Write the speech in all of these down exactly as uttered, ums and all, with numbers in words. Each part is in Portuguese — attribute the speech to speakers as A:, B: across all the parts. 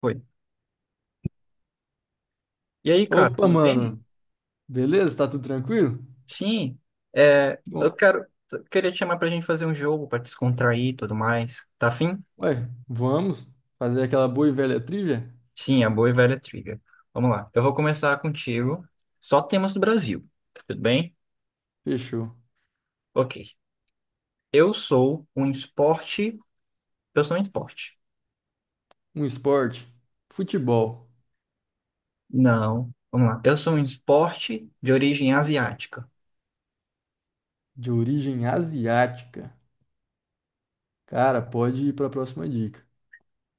A: Foi. E aí, cara,
B: Opa,
A: tudo bem?
B: mano. Beleza? Tá tudo tranquilo?
A: Sim, é,
B: Bom,
A: eu quero, eu queria te chamar pra gente fazer um jogo pra descontrair e tudo mais. Tá afim?
B: ué, vamos fazer aquela boa e velha trivia?
A: Sim, a boa e velha trivia. Vamos lá, eu vou começar contigo. Só temas do Brasil, tá tudo bem?
B: Fechou.
A: Ok. Eu sou um esporte. Eu sou um esporte.
B: Um esporte. Futebol.
A: Não, vamos lá. Eu sou um esporte de origem asiática.
B: De origem asiática. Cara, pode ir pra próxima dica.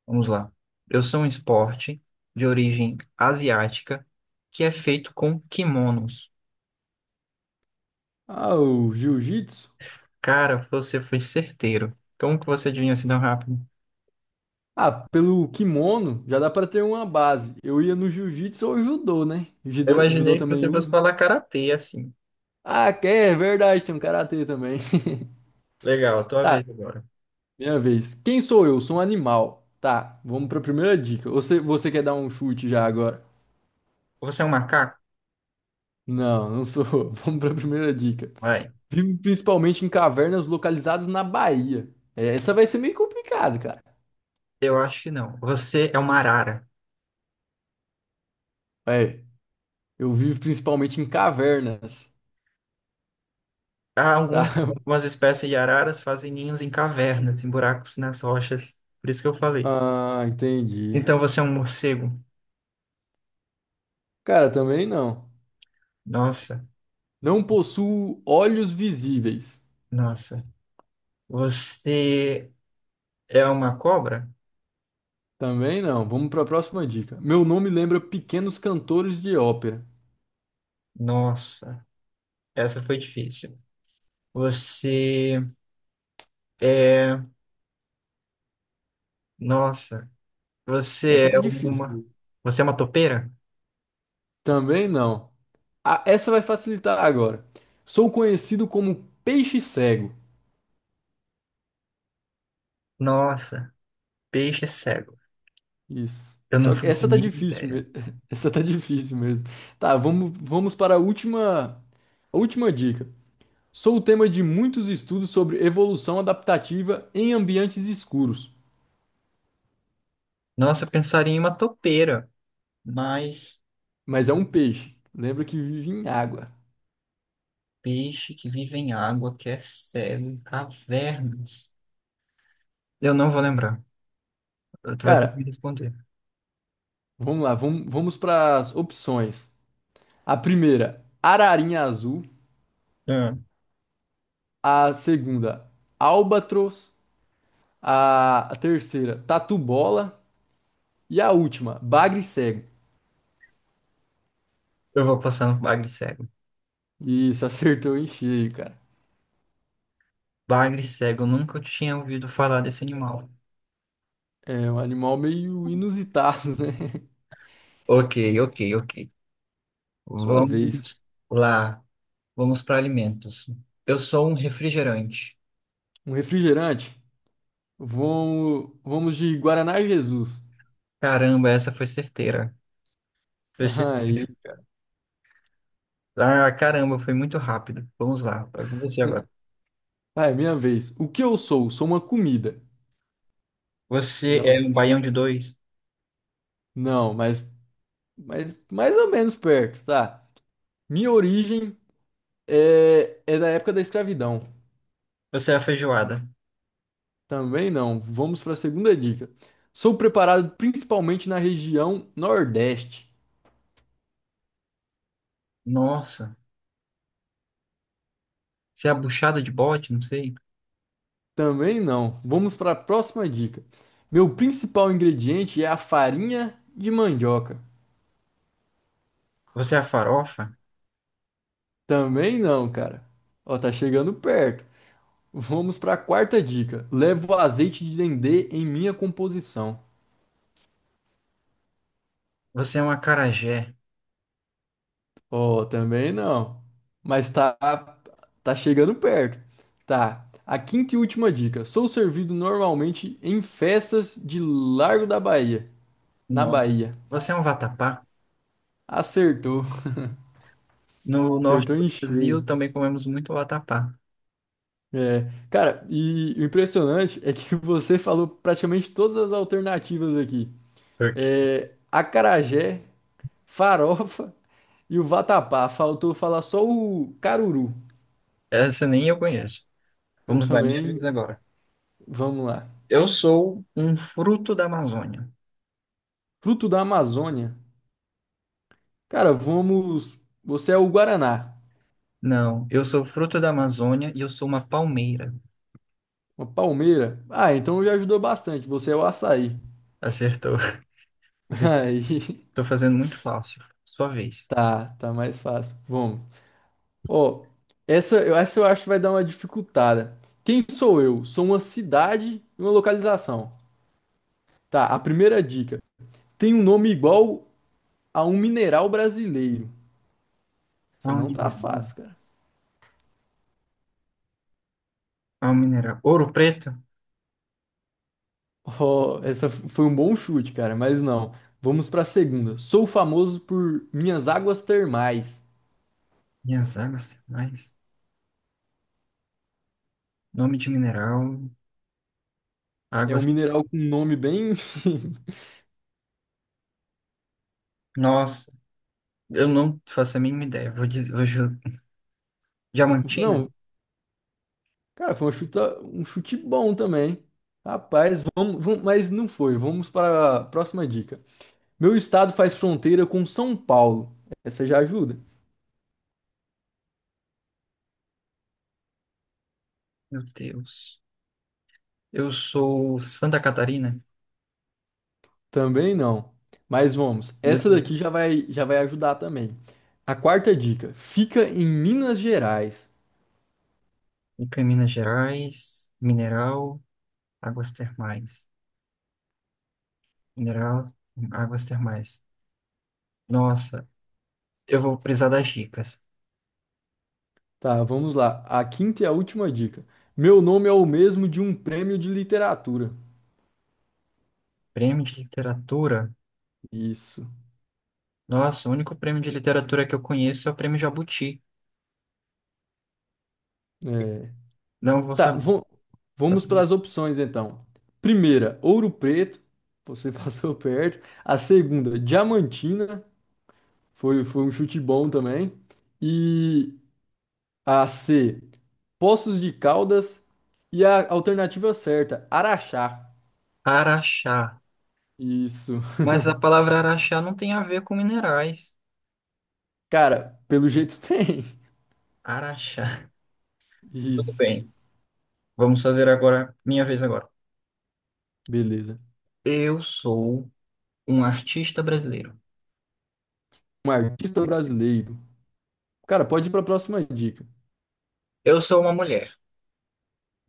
A: Vamos lá. Eu sou um esporte de origem asiática que é feito com kimonos.
B: Ah, o jiu-jitsu?
A: Cara, você foi certeiro. Como que você adivinhou assim tão rápido?
B: Ah, pelo kimono já dá pra ter uma base. Eu ia no jiu-jitsu ou judô, né?
A: Eu
B: Judô, judô
A: imaginei que
B: também
A: você fosse
B: usa.
A: falar karatê assim.
B: Ah, que é verdade, tem um karatê também.
A: Legal, tua
B: Tá,
A: vez agora.
B: minha vez. Quem sou eu? Sou um animal. Tá, vamos pra primeira dica. Você, você quer dar um chute já agora?
A: Você é um macaco?
B: Não, não sou. Vamos pra primeira dica.
A: Vai.
B: Vivo principalmente em cavernas localizadas na Bahia. É, essa vai ser meio complicada, cara.
A: Eu acho que não. Você é uma arara.
B: É, eu vivo principalmente em cavernas.
A: Há
B: Tá?
A: alguns, algumas espécies de araras fazem ninhos em cavernas, em buracos nas rochas. Por isso que eu falei.
B: Ah, entendi.
A: Então você é um morcego?
B: Cara, também não.
A: Nossa,
B: Não possuo olhos visíveis.
A: nossa. Você é uma cobra?
B: Também não. Vamos pra próxima dica. Meu nome lembra pequenos cantores de ópera.
A: Nossa, essa foi difícil. Você é. Nossa. Você
B: Essa tá
A: é uma.
B: difícil.
A: Você é uma topeira?
B: Também não. Ah, essa vai facilitar agora. Sou conhecido como peixe cego.
A: Nossa, peixe é cego.
B: Isso.
A: Eu não
B: Só que
A: faço a
B: essa tá
A: mínima
B: difícil
A: ideia.
B: mesmo. Essa tá difícil mesmo. Tá, vamos, vamos para a última, a última dica. Sou o tema de muitos estudos sobre evolução adaptativa em ambientes escuros.
A: Nossa, eu pensaria em uma topeira, mas
B: Mas é um peixe. Lembra que vive em água.
A: peixe que vive em água, que é cego, em cavernas. Eu não vou lembrar. Tu vai ter que me
B: Cara,
A: responder.
B: vamos lá. Vamos, vamos para as opções. A primeira, ararinha azul.
A: É.
B: A segunda, albatros. A, a terceira, Tatu Bola. E a última, Bagre Cego.
A: Eu vou passar no bagre cego.
B: Isso, acertou em cheio, cara.
A: Bagre cego, eu nunca tinha ouvido falar desse animal.
B: É um animal meio inusitado, né?
A: Ok, ok, ok.
B: Sua vez.
A: Vamos lá. Vamos para alimentos. Eu sou um refrigerante.
B: Um refrigerante. Vamos, vamos de Guaraná Jesus.
A: Caramba, essa foi certeira. Você...
B: Aí,
A: Ah, caramba, foi muito rápido. Vamos lá, é com você agora.
B: vai, minha vez. O que eu sou? Sou uma comida.
A: Você
B: Dá um-
A: é um baião de dois?
B: Não, mas, mas mais ou menos perto, tá? Minha origem é, é da época da escravidão.
A: Você é a feijoada?
B: Também não. Vamos para a segunda dica. Sou preparado principalmente na região Nordeste.
A: Nossa. Você é a buchada de bode? Não sei.
B: Também não. Vamos para a próxima dica. Meu principal ingrediente é a farinha de mandioca.
A: Você é a farofa?
B: Também não, cara. Ó, tá chegando perto. Vamos para a quarta dica. Levo azeite de dendê em minha composição.
A: Você é um acarajé?
B: Oh, também não. Mas tá, tá chegando perto. Tá. A quinta e última dica. Sou servido normalmente em festas de Largo da Bahia. Na
A: Não.
B: Bahia.
A: Você é um vatapá?
B: Acertou.
A: No norte
B: Acertou
A: do
B: em
A: Brasil
B: cheio.
A: também comemos muito vatapá.
B: É. Cara, e o impressionante é que você falou praticamente todas as alternativas aqui.
A: Porque
B: É, acarajé, farofa e o vatapá. Faltou falar só o caruru.
A: essa nem eu conheço.
B: Eu
A: Vamos lá, minha
B: também.
A: vez agora.
B: Vamos lá.
A: Eu sou um fruto da Amazônia.
B: Fruto da Amazônia. Cara, vamos. Você é o Guaraná.
A: Não, eu sou fruto da Amazônia e eu sou uma palmeira.
B: Uma palmeira. Ah, então já ajudou bastante. Você é o açaí.
A: Acertou. Você
B: Aí.
A: Tô fazendo muito fácil. Sua vez.
B: Tá, tá mais fácil. Vamos. Ó, essa, eu- essa eu acho que vai dar uma dificultada. Quem sou eu? Sou uma cidade e uma localização. Tá, a primeira dica. Tem um nome igual a um mineral brasileiro. Essa
A: Há um
B: não tá
A: mineral.
B: fácil, cara.
A: Há um mineral. Ouro preto?
B: Ó, essa f- foi um bom chute, cara, mas não. Vamos pra segunda. Sou famoso por minhas águas termais.
A: Minhas águas mais. Nome de mineral.
B: É um
A: Águas.
B: mineral com um nome bem.
A: Nossa, eu não faço a mínima ideia. Vou dizer. Vou... ju- Diamantina?
B: Não, cara, foi uma chuta, um chute bom também. Rapaz, vamos, vamos- mas não foi. Vamos para a próxima dica. Meu estado faz fronteira com São Paulo. Essa já ajuda?
A: Meu Deus. Eu sou Santa Catarina.
B: Também não. Mas vamos.
A: Meu
B: Essa daqui
A: Deus.
B: já vai, já vai ajudar também. A quarta dica. Fica em Minas Gerais.
A: Fica em Minas Gerais. Mineral. Águas termais. Mineral. Águas termais. Nossa, eu vou precisar das dicas.
B: Tá, vamos lá. A quinta e a última dica. Meu nome é o mesmo de um prêmio de literatura.
A: Prêmio de literatura.
B: Isso.
A: Nossa, o único prêmio de literatura que eu conheço é o prêmio Jabuti.
B: É.
A: Não vou
B: Tá,
A: saber.
B: vo- Vamos para as opções então. Primeira, Ouro Preto, você passou perto. A segunda, Diamantina, foi, foi um chute bom também. E a C, Poços de Caldas. E a alternativa certa, Araxá.
A: Araxá.
B: Isso.
A: Mas a palavra araxá não tem a ver com minerais.
B: Cara, pelo jeito tem.
A: Araxá. Tudo
B: Isso.
A: bem. Vamos fazer agora, minha vez agora.
B: Beleza.
A: Eu sou um artista brasileiro.
B: Um artista brasileiro. Cara, pode ir para a próxima dica.
A: Eu sou uma mulher.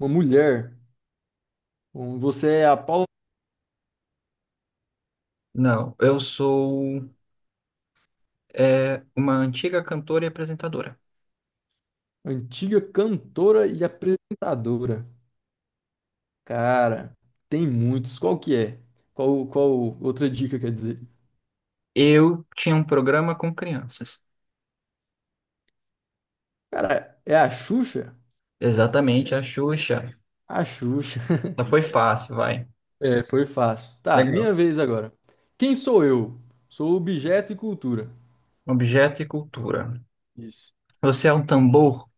B: Uma mulher. Bom, você é a Paula,
A: Não, eu sou é, uma antiga cantora e apresentadora.
B: antiga cantora e apresentadora. Cara, tem muitos. Qual que é? Qual, qual outra dica quer dizer?
A: Eu tinha um programa com crianças.
B: Cara, é a Xuxa?
A: Exatamente, a Xuxa.
B: A Xuxa.
A: Mas foi fácil, vai.
B: É, foi fácil. Tá, minha
A: Legal.
B: vez agora. Quem sou eu? Sou objeto e cultura.
A: Objeto e cultura.
B: Isso.
A: Você é um tambor?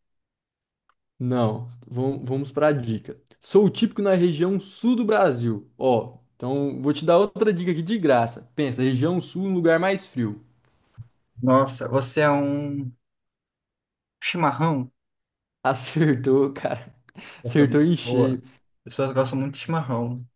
B: Não, vamos, vamos para a dica. Sou típico na região sul do Brasil. Ó, então vou te dar outra dica aqui de graça. Pensa, região sul, um lugar mais frio.
A: Nossa, você é um chimarrão?
B: Acertou, cara.
A: Eu falei,
B: Acertou em
A: boa.
B: cheio.
A: As pessoas gostam muito de chimarrão.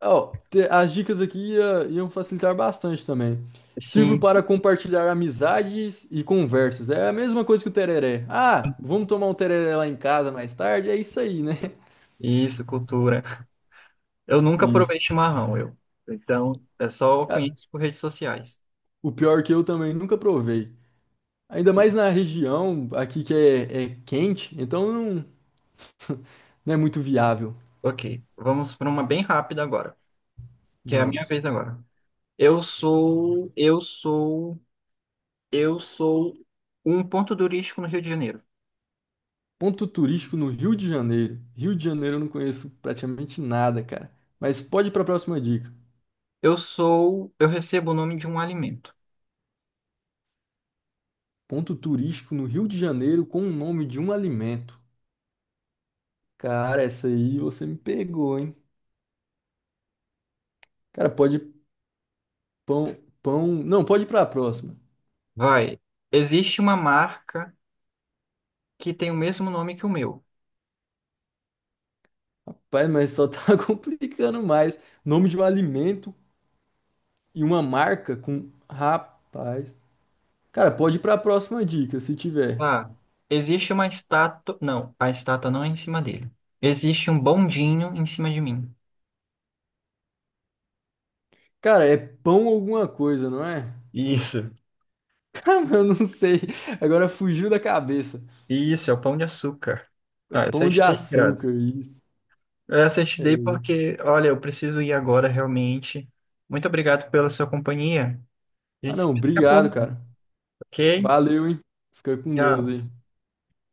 B: Ó, te- as dicas aqui ia- iam facilitar bastante também. Sirvo
A: Sim,
B: para compartilhar amizades e conversas. É a mesma coisa que o tereré. Ah, vamos tomar um tereré lá em casa mais tarde? É isso aí, né?
A: isso, cultura. Eu nunca provei
B: Isso.
A: chimarrão, eu. Então, é só
B: Cara,
A: conheço por redes sociais.
B: o pior é que eu também nunca provei. Ainda
A: E-
B: mais na região aqui que é, é quente, então não, não é muito viável.
A: Ok, vamos para uma bem rápida agora, que é a minha
B: Vamos.
A: vez agora. Eu sou, eu sou, eu sou um ponto turístico no Rio de Janeiro.
B: Ponto turístico no Rio de Janeiro. Rio de Janeiro eu não conheço praticamente nada, cara. Mas pode ir para a próxima dica.
A: Eu sou, eu recebo o nome de um alimento.
B: Ponto turístico no Rio de Janeiro com o nome de um alimento. Cara, essa aí você me pegou, hein? Cara, pode pão, pão. Não, pode ir pra próxima.
A: Vai, existe uma marca que tem o mesmo nome que o meu.
B: Pai, mas só tá complicando mais. Nome de um alimento e uma marca com. Rapaz. Cara, pode ir pra próxima dica, se tiver.
A: Ah, existe uma estátua. Não, a estátua não é em cima dele. Existe um bondinho em cima de mim.
B: Cara, é pão alguma coisa, não é?
A: Isso,
B: Cara, eu não sei. Agora fugiu da cabeça.
A: isso, é o pão de açúcar.
B: É
A: Ah, essa eu
B: pão de
A: te dei de graça.
B: açúcar, isso.
A: Essa eu te
B: É
A: dei
B: isso.
A: porque, olha, eu preciso ir agora realmente. Muito obrigado pela sua companhia. A
B: Ah,
A: gente se
B: não,
A: vê daqui a
B: obrigado,
A: pouco,
B: cara.
A: ok?
B: Valeu, hein? Fica com Deus
A: Tchau.
B: aí.